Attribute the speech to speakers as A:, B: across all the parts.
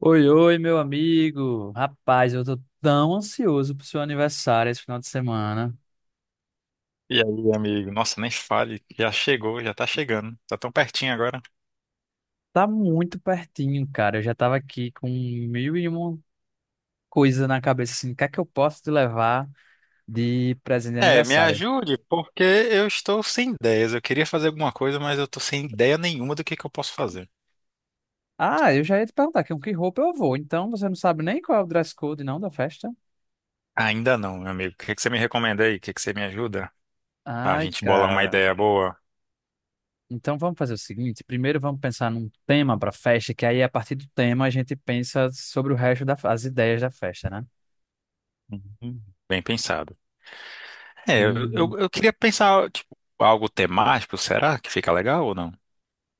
A: Oi, oi, meu amigo. Rapaz, eu tô tão ansioso pro seu aniversário esse final de semana.
B: E aí, amigo? Nossa, nem fale, já chegou, já tá chegando, tá tão pertinho agora.
A: Tá muito pertinho, cara. Eu já tava aqui com mil e uma coisa na cabeça, assim, o que é que eu posso te levar de presente de
B: É, me
A: aniversário?
B: ajude, porque eu estou sem ideias. Eu queria fazer alguma coisa, mas eu tô sem ideia nenhuma do que eu posso fazer.
A: Ah, eu já ia te perguntar com que roupa eu vou. Então, você não sabe nem qual é o dress code, não, da festa?
B: Ainda não, meu amigo. O que você me recomenda aí? O que você me ajuda? A
A: Ai,
B: gente bolar uma
A: cara.
B: ideia boa.
A: Então vamos fazer o seguinte, primeiro vamos pensar num tema pra festa, que aí a partir do tema a gente pensa sobre o resto das ideias da festa, né?
B: Uhum. Bem pensado. É, eu queria pensar, tipo, algo temático, será que fica legal ou não?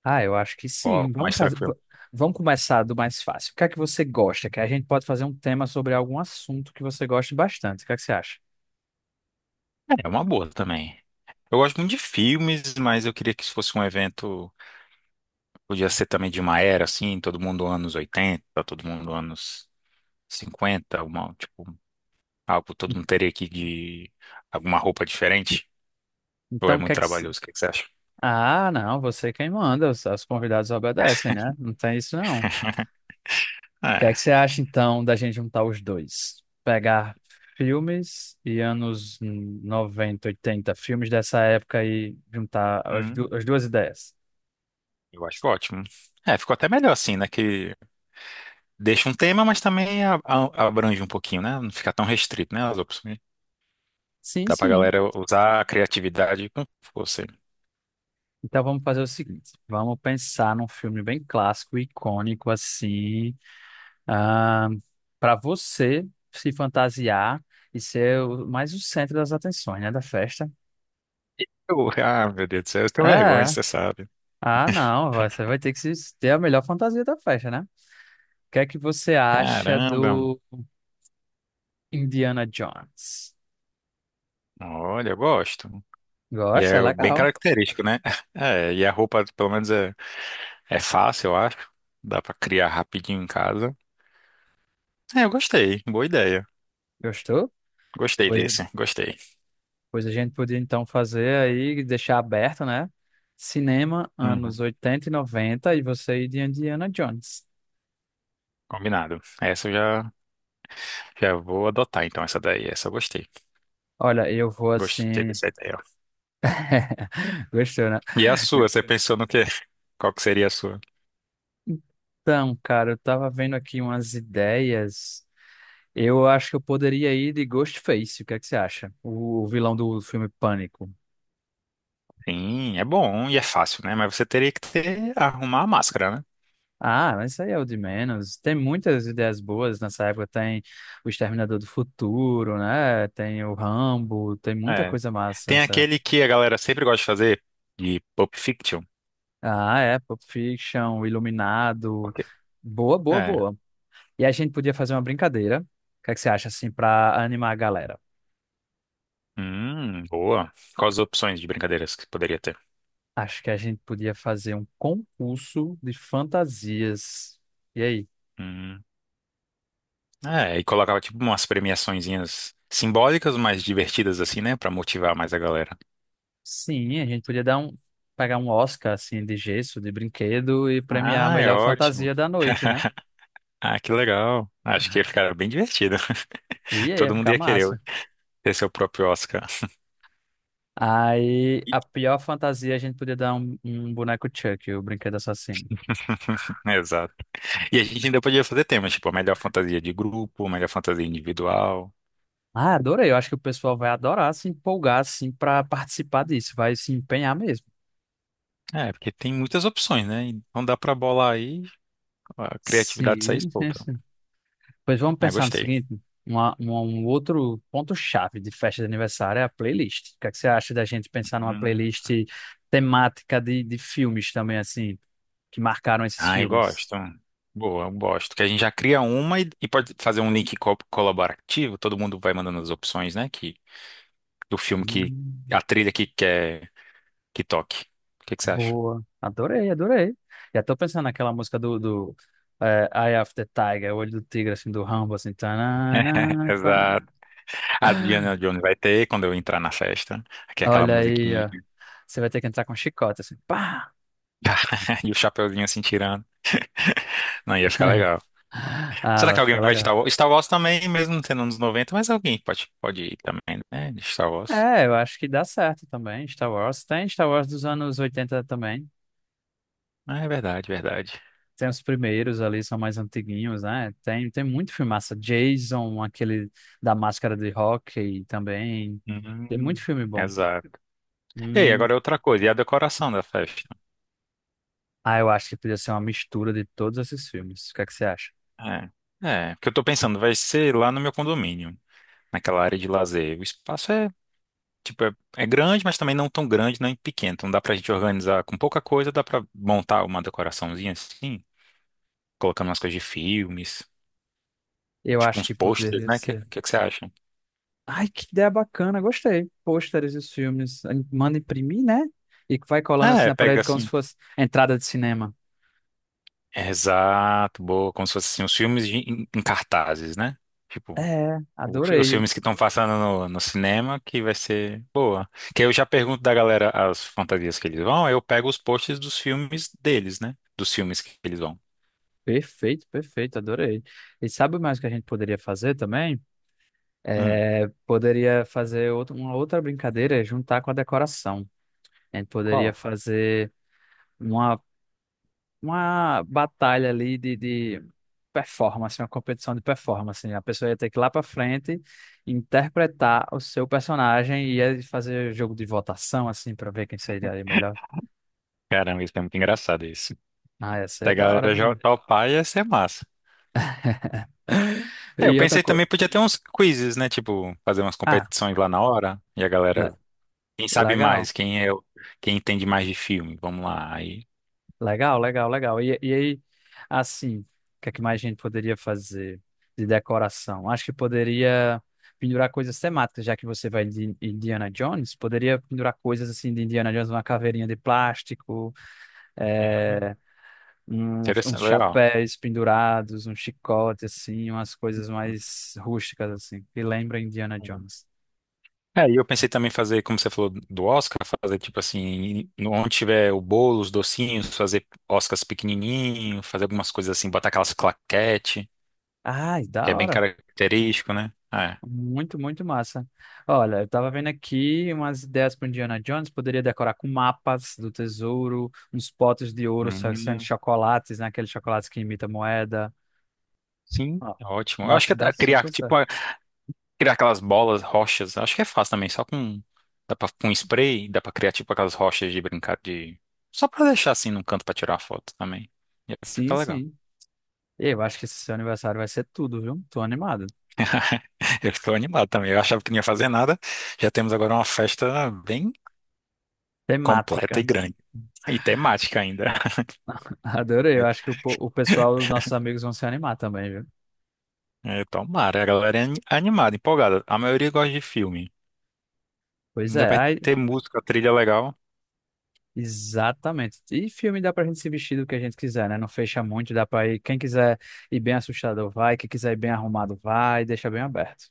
A: Ah, eu acho que
B: Ou algo
A: sim.
B: mais tranquilo?
A: Vamos começar do mais fácil. O que é que você gosta? Que a gente pode fazer um tema sobre algum assunto que você goste bastante. O que é que você acha?
B: É uma boa também. Eu gosto muito de filmes, mas eu queria que isso fosse um evento. Podia ser também de uma era assim, todo mundo anos 80, todo mundo anos 50, uma, tipo, algo todo mundo teria aqui de alguma roupa diferente. Ou
A: Então,
B: é
A: o que
B: muito
A: é que se-
B: trabalhoso, o que você acha?
A: Ah, não, você é quem manda, os convidados obedecem, né? Não tem isso não. O que é
B: É,
A: que você acha então da gente juntar os dois? Pegar filmes e anos 90, 80, filmes dessa época e juntar as,
B: hum,
A: du- as duas ideias.
B: eu acho ótimo. É, ficou até melhor assim, né? Que deixa um tema, mas também abrange um pouquinho, né? Não fica tão restrito, né? As opções.
A: Sim,
B: Dá pra
A: sim.
B: galera usar a criatividade com força.
A: Então vamos fazer o seguinte, vamos pensar num filme bem clássico, icônico assim, para você se fantasiar e ser mais o centro das atenções, né, da festa.
B: Ah, meu Deus do céu, eu tenho vergonha,
A: É.
B: você sabe.
A: Ah, não, você vai ter que ter a melhor fantasia da festa, né? O que é que você acha
B: Caramba,
A: do Indiana Jones?
B: olha, eu gosto. E
A: Gosta? É
B: é bem
A: legal.
B: característico, né? É, e a roupa, pelo menos, é fácil, eu acho. Dá pra criar rapidinho em casa. É, eu gostei. Boa ideia.
A: Gostou?
B: Gostei
A: Pois
B: desse. Gostei.
A: Pois a gente podia então fazer aí, deixar aberto, né? Cinema,
B: Uhum.
A: anos 80 e 90 e você e de Indiana Jones.
B: Combinado. Já vou adotar, então, essa daí. Essa eu gostei.
A: Olha, eu vou
B: Gostei
A: assim.
B: dessa ideia.
A: Gostou, né?
B: E a sua? Você pensou no quê? Qual que seria a sua?
A: Então, cara, eu tava vendo aqui umas ideias. Eu acho que eu poderia ir de Ghostface. O que é que você acha? O vilão do filme Pânico.
B: Sim, é bom e é fácil, né? Mas você teria que ter, arrumar a máscara, né?
A: Ah, mas isso aí é o de menos. Tem muitas ideias boas nessa época. Tem o Exterminador do Futuro, né? Tem o Rambo. Tem muita
B: É.
A: coisa massa.
B: Tem aquele que a galera sempre gosta de fazer, de Pulp Fiction.
A: Ah, é, Pulp Fiction,
B: Por
A: Iluminado.
B: quê?
A: Boa, boa, boa. E a gente podia fazer uma brincadeira. O que é que você acha, assim, para animar a galera?
B: Boa. Quais as opções de brincadeiras que poderia ter?
A: Acho que a gente podia fazer um concurso de fantasias. E aí?
B: Hum. É, e colocava tipo umas premiaçõezinhas simbólicas, mas divertidas assim, né? Pra motivar mais a galera.
A: Sim, a gente podia pegar um Oscar, assim, de gesso, de brinquedo e premiar a
B: Ah, é
A: melhor
B: ótimo.
A: fantasia da noite, né?
B: Ah, que legal. Acho que ia ficar bem divertido.
A: E aí, ia
B: Todo mundo
A: ficar
B: ia querer
A: massa.
B: ter seu próprio Oscar.
A: Aí,
B: E-
A: a pior fantasia, a gente podia dar um boneco Chuck, o brinquedo assassino.
B: Exato. E a gente ainda podia fazer temas, tipo a melhor fantasia de grupo, a melhor fantasia individual.
A: Ah, adorei. Eu acho que o pessoal vai adorar se empolgar, assim, para participar disso. Vai se empenhar mesmo.
B: É, porque tem muitas opções, né? Então dá pra bolar aí, a criatividade sai
A: Sim, sim,
B: solta.
A: sim. Pois vamos
B: Ah,
A: pensar no
B: gostei.
A: seguinte: um outro ponto-chave de festa de aniversário é a playlist. O que é que você acha da gente pensar numa
B: Hum.
A: playlist temática de filmes também, assim, que marcaram esses
B: Ai,
A: filmes?
B: gosto. Boa, eu gosto. Que a gente já cria uma e pode fazer um link colaborativo. Todo mundo vai mandando as opções, né? Do filme que
A: Hum,
B: a trilha que quer que toque. O que você acha?
A: boa. Adorei, adorei. Já tô pensando naquela música do Eye of the Tiger, Olho do Tigre, assim, do Rambo, assim. Tanana, pam.
B: Exato. A Diana Jones vai ter quando eu entrar na festa. Aqui é aquela
A: Olha aí,
B: musiquinha
A: ó. Você vai ter que entrar com chicota, assim. Pá!
B: e o chapeuzinho assim tirando. Não, ia ficar legal.
A: Ah,
B: Será
A: vai
B: que alguém
A: ficar
B: vai de
A: legal.
B: Star Wars? Star Wars também, mesmo sendo anos 90? Mas alguém pode ir também, né? De Star Wars.
A: É, eu acho que dá certo também, Star Wars. Tem Star Wars dos anos 80 também.
B: Ah, é verdade, verdade.
A: Tem os primeiros ali, são mais antiguinhos, né? Tem, tem muito filmaça. Jason, aquele da máscara de hóquei também. Tem
B: Hum,
A: muito filme bom.
B: exato. Ei,
A: Hum,
B: agora é outra coisa, e a decoração da festa?
A: ah, eu acho que poderia ser uma mistura de todos esses filmes. O que é que você acha?
B: É, porque eu tô pensando, vai ser lá no meu condomínio, naquela área de lazer. O espaço é, tipo, é grande, mas também não tão grande, nem pequeno. Então dá pra gente organizar com pouca coisa, dá pra montar uma decoraçãozinha assim, colocando umas coisas de filmes,
A: Eu
B: tipo
A: acho
B: uns
A: que
B: posters,
A: poderia
B: né? O que,
A: ser.
B: que, que você acha?
A: Ai, que ideia bacana, gostei. Pôsteres e os filmes. Aí manda imprimir, né? E vai colando assim
B: É,
A: na
B: pega
A: parede como se
B: assim.
A: fosse entrada de cinema.
B: Exato, boa, como se fosse assim, os em, em cartazes, né? Tipo,
A: É,
B: o os
A: adorei.
B: filmes que estão passando no cinema, que vai ser boa. Que aí eu já pergunto da galera as fantasias que eles vão, aí eu pego os posts dos filmes deles, né? Dos filmes que eles vão.
A: Perfeito, perfeito, adorei. E sabe mais o que a gente poderia fazer também?
B: Hum,
A: É, poderia uma outra brincadeira, é juntar com a decoração. A gente poderia
B: qual?
A: fazer uma uma batalha ali de performance, uma competição de performance, né? A pessoa ia ter que ir lá para frente interpretar o seu personagem e ia fazer jogo de votação, assim, para ver quem seria ali melhor.
B: Caramba, isso é muito engraçado isso.
A: Ah, ia ser
B: Da
A: da hora
B: galera já
A: demais.
B: topar ia ser massa. É, eu
A: E outra
B: pensei
A: coisa.
B: também podia ter uns quizzes, né? Tipo, fazer umas
A: Ah,
B: competições lá na hora e a
A: le-
B: galera, quem sabe
A: legal.
B: mais, quem entende mais de filme, vamos lá. Aí,
A: Legal, legal, legal. E aí, assim, o que é que mais a gente poderia fazer de decoração? Acho que poderia pendurar coisas temáticas, já que você vai de Indiana Jones, poderia pendurar coisas assim de Indiana Jones, uma caveirinha de plástico,
B: uhum,
A: eh, uns
B: interessante, legal.
A: chapéus pendurados, um chicote, assim, umas coisas mais rústicas, assim, que lembra Indiana Jones.
B: É, e eu pensei também fazer, como você falou do Oscar, fazer tipo assim, onde tiver o bolo, os docinhos, fazer Oscars pequenininho, fazer algumas coisas assim, botar aquelas claquete,
A: Ai,
B: que é
A: da
B: bem
A: hora.
B: característico, né? É.
A: Muito, muito massa. Olha, eu tava vendo aqui umas ideias para Indiana Jones. Poderia decorar com mapas do tesouro, uns potes de ouro sendo
B: Uhum.
A: chocolates, né? Aqueles chocolates que imita moeda.
B: Sim,
A: Ó,
B: é ótimo. Eu acho que até
A: dá
B: criar,
A: super certo.
B: criar aquelas bolas, rochas, acho que é fácil também, dá pra, com spray, dá pra criar tipo aquelas rochas de brincar de, só pra deixar assim num canto pra tirar a foto também. E aí
A: Sim,
B: fica legal.
A: sim. Eu acho que esse seu aniversário vai ser tudo, viu? Tô animado.
B: Eu estou animado também. Eu achava que não ia fazer nada. Já temos agora uma festa bem completa e
A: Temática.
B: grande. E temática ainda.
A: Adorei. Eu acho que o pessoal, nossos amigos, vão se animar também, viu?
B: Tomara. A galera é animada, empolgada. A maioria gosta de filme.
A: Pois
B: Ainda
A: é.
B: vai
A: Aí,
B: ter música, trilha legal.
A: exatamente. E filme dá pra gente se vestir do que a gente quiser, né? Não fecha muito, dá pra ir. Quem quiser ir bem assustado vai, quem quiser ir bem arrumado vai, deixa bem aberto.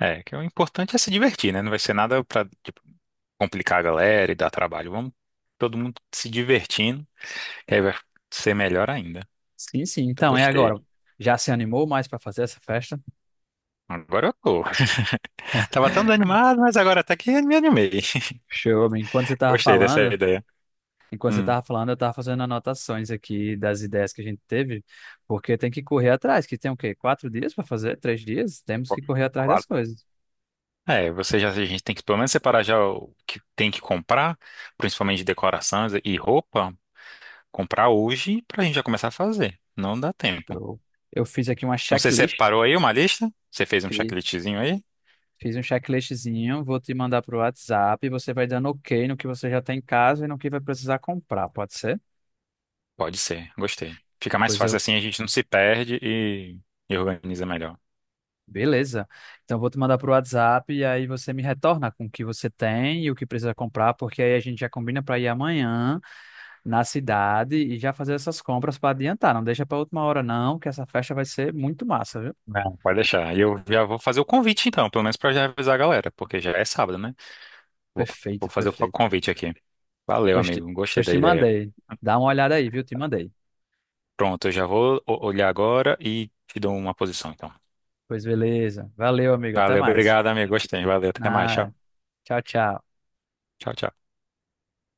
B: É, que o importante é se divertir, né? Não vai ser nada pra, tipo, complicar a galera e dar trabalho. Vamos todo mundo se divertindo, que aí vai ser melhor ainda.
A: Sim, sim.
B: Eu
A: Então, é agora.
B: gostei.
A: Já se animou mais pra fazer essa festa?
B: Agora eu tô. Tava tão desanimado, mas agora até que me animei.
A: Show, amigo.
B: Gostei dessa ideia.
A: Enquanto você
B: Hum.
A: tava falando, eu tava fazendo anotações aqui das ideias que a gente teve, porque tem que correr atrás, que tem o quê? Quatro dias pra fazer? Três dias? Temos que correr atrás das
B: Claro.
A: coisas.
B: É, a gente tem que pelo menos separar já o que tem que comprar, principalmente de decorações e roupa, comprar hoje pra gente já começar a fazer. Não dá tempo.
A: Show. Eu fiz aqui uma
B: Então você
A: checklist.
B: separou aí uma lista? Você fez um checklistzinho aí?
A: Fiz um checklistzinho, vou te mandar pro WhatsApp. Você vai dando ok no que você já tem em casa e no que vai precisar comprar, pode ser?
B: Pode ser, gostei. Fica mais
A: Pois
B: fácil
A: eu.
B: assim, a gente não se perde e organiza melhor.
A: Beleza. Então, vou te mandar pro WhatsApp e aí você me retorna com o que você tem e o que precisa comprar, porque aí a gente já combina para ir amanhã na cidade e já fazer essas compras para adiantar. Não deixa para última hora, não, que essa festa vai ser muito massa, viu?
B: Não, pode deixar. E eu já vou fazer o convite então, pelo menos pra já avisar a galera, porque já é sábado, né? Vou, vou
A: Perfeito,
B: fazer o
A: perfeito.
B: convite aqui. Valeu,
A: Pois te,
B: amigo. Gostei
A: pois
B: da
A: te
B: ideia.
A: mandei. Dá uma olhada aí, viu? Te mandei.
B: Pronto, eu já olhar agora e te dou uma posição, então.
A: Pois beleza. Valeu, amigo. Até
B: Valeu,
A: mais.
B: obrigado, amigo. Gostei. Valeu, até mais. Tchau.
A: Ah, tchau, tchau.
B: Tchau, tchau.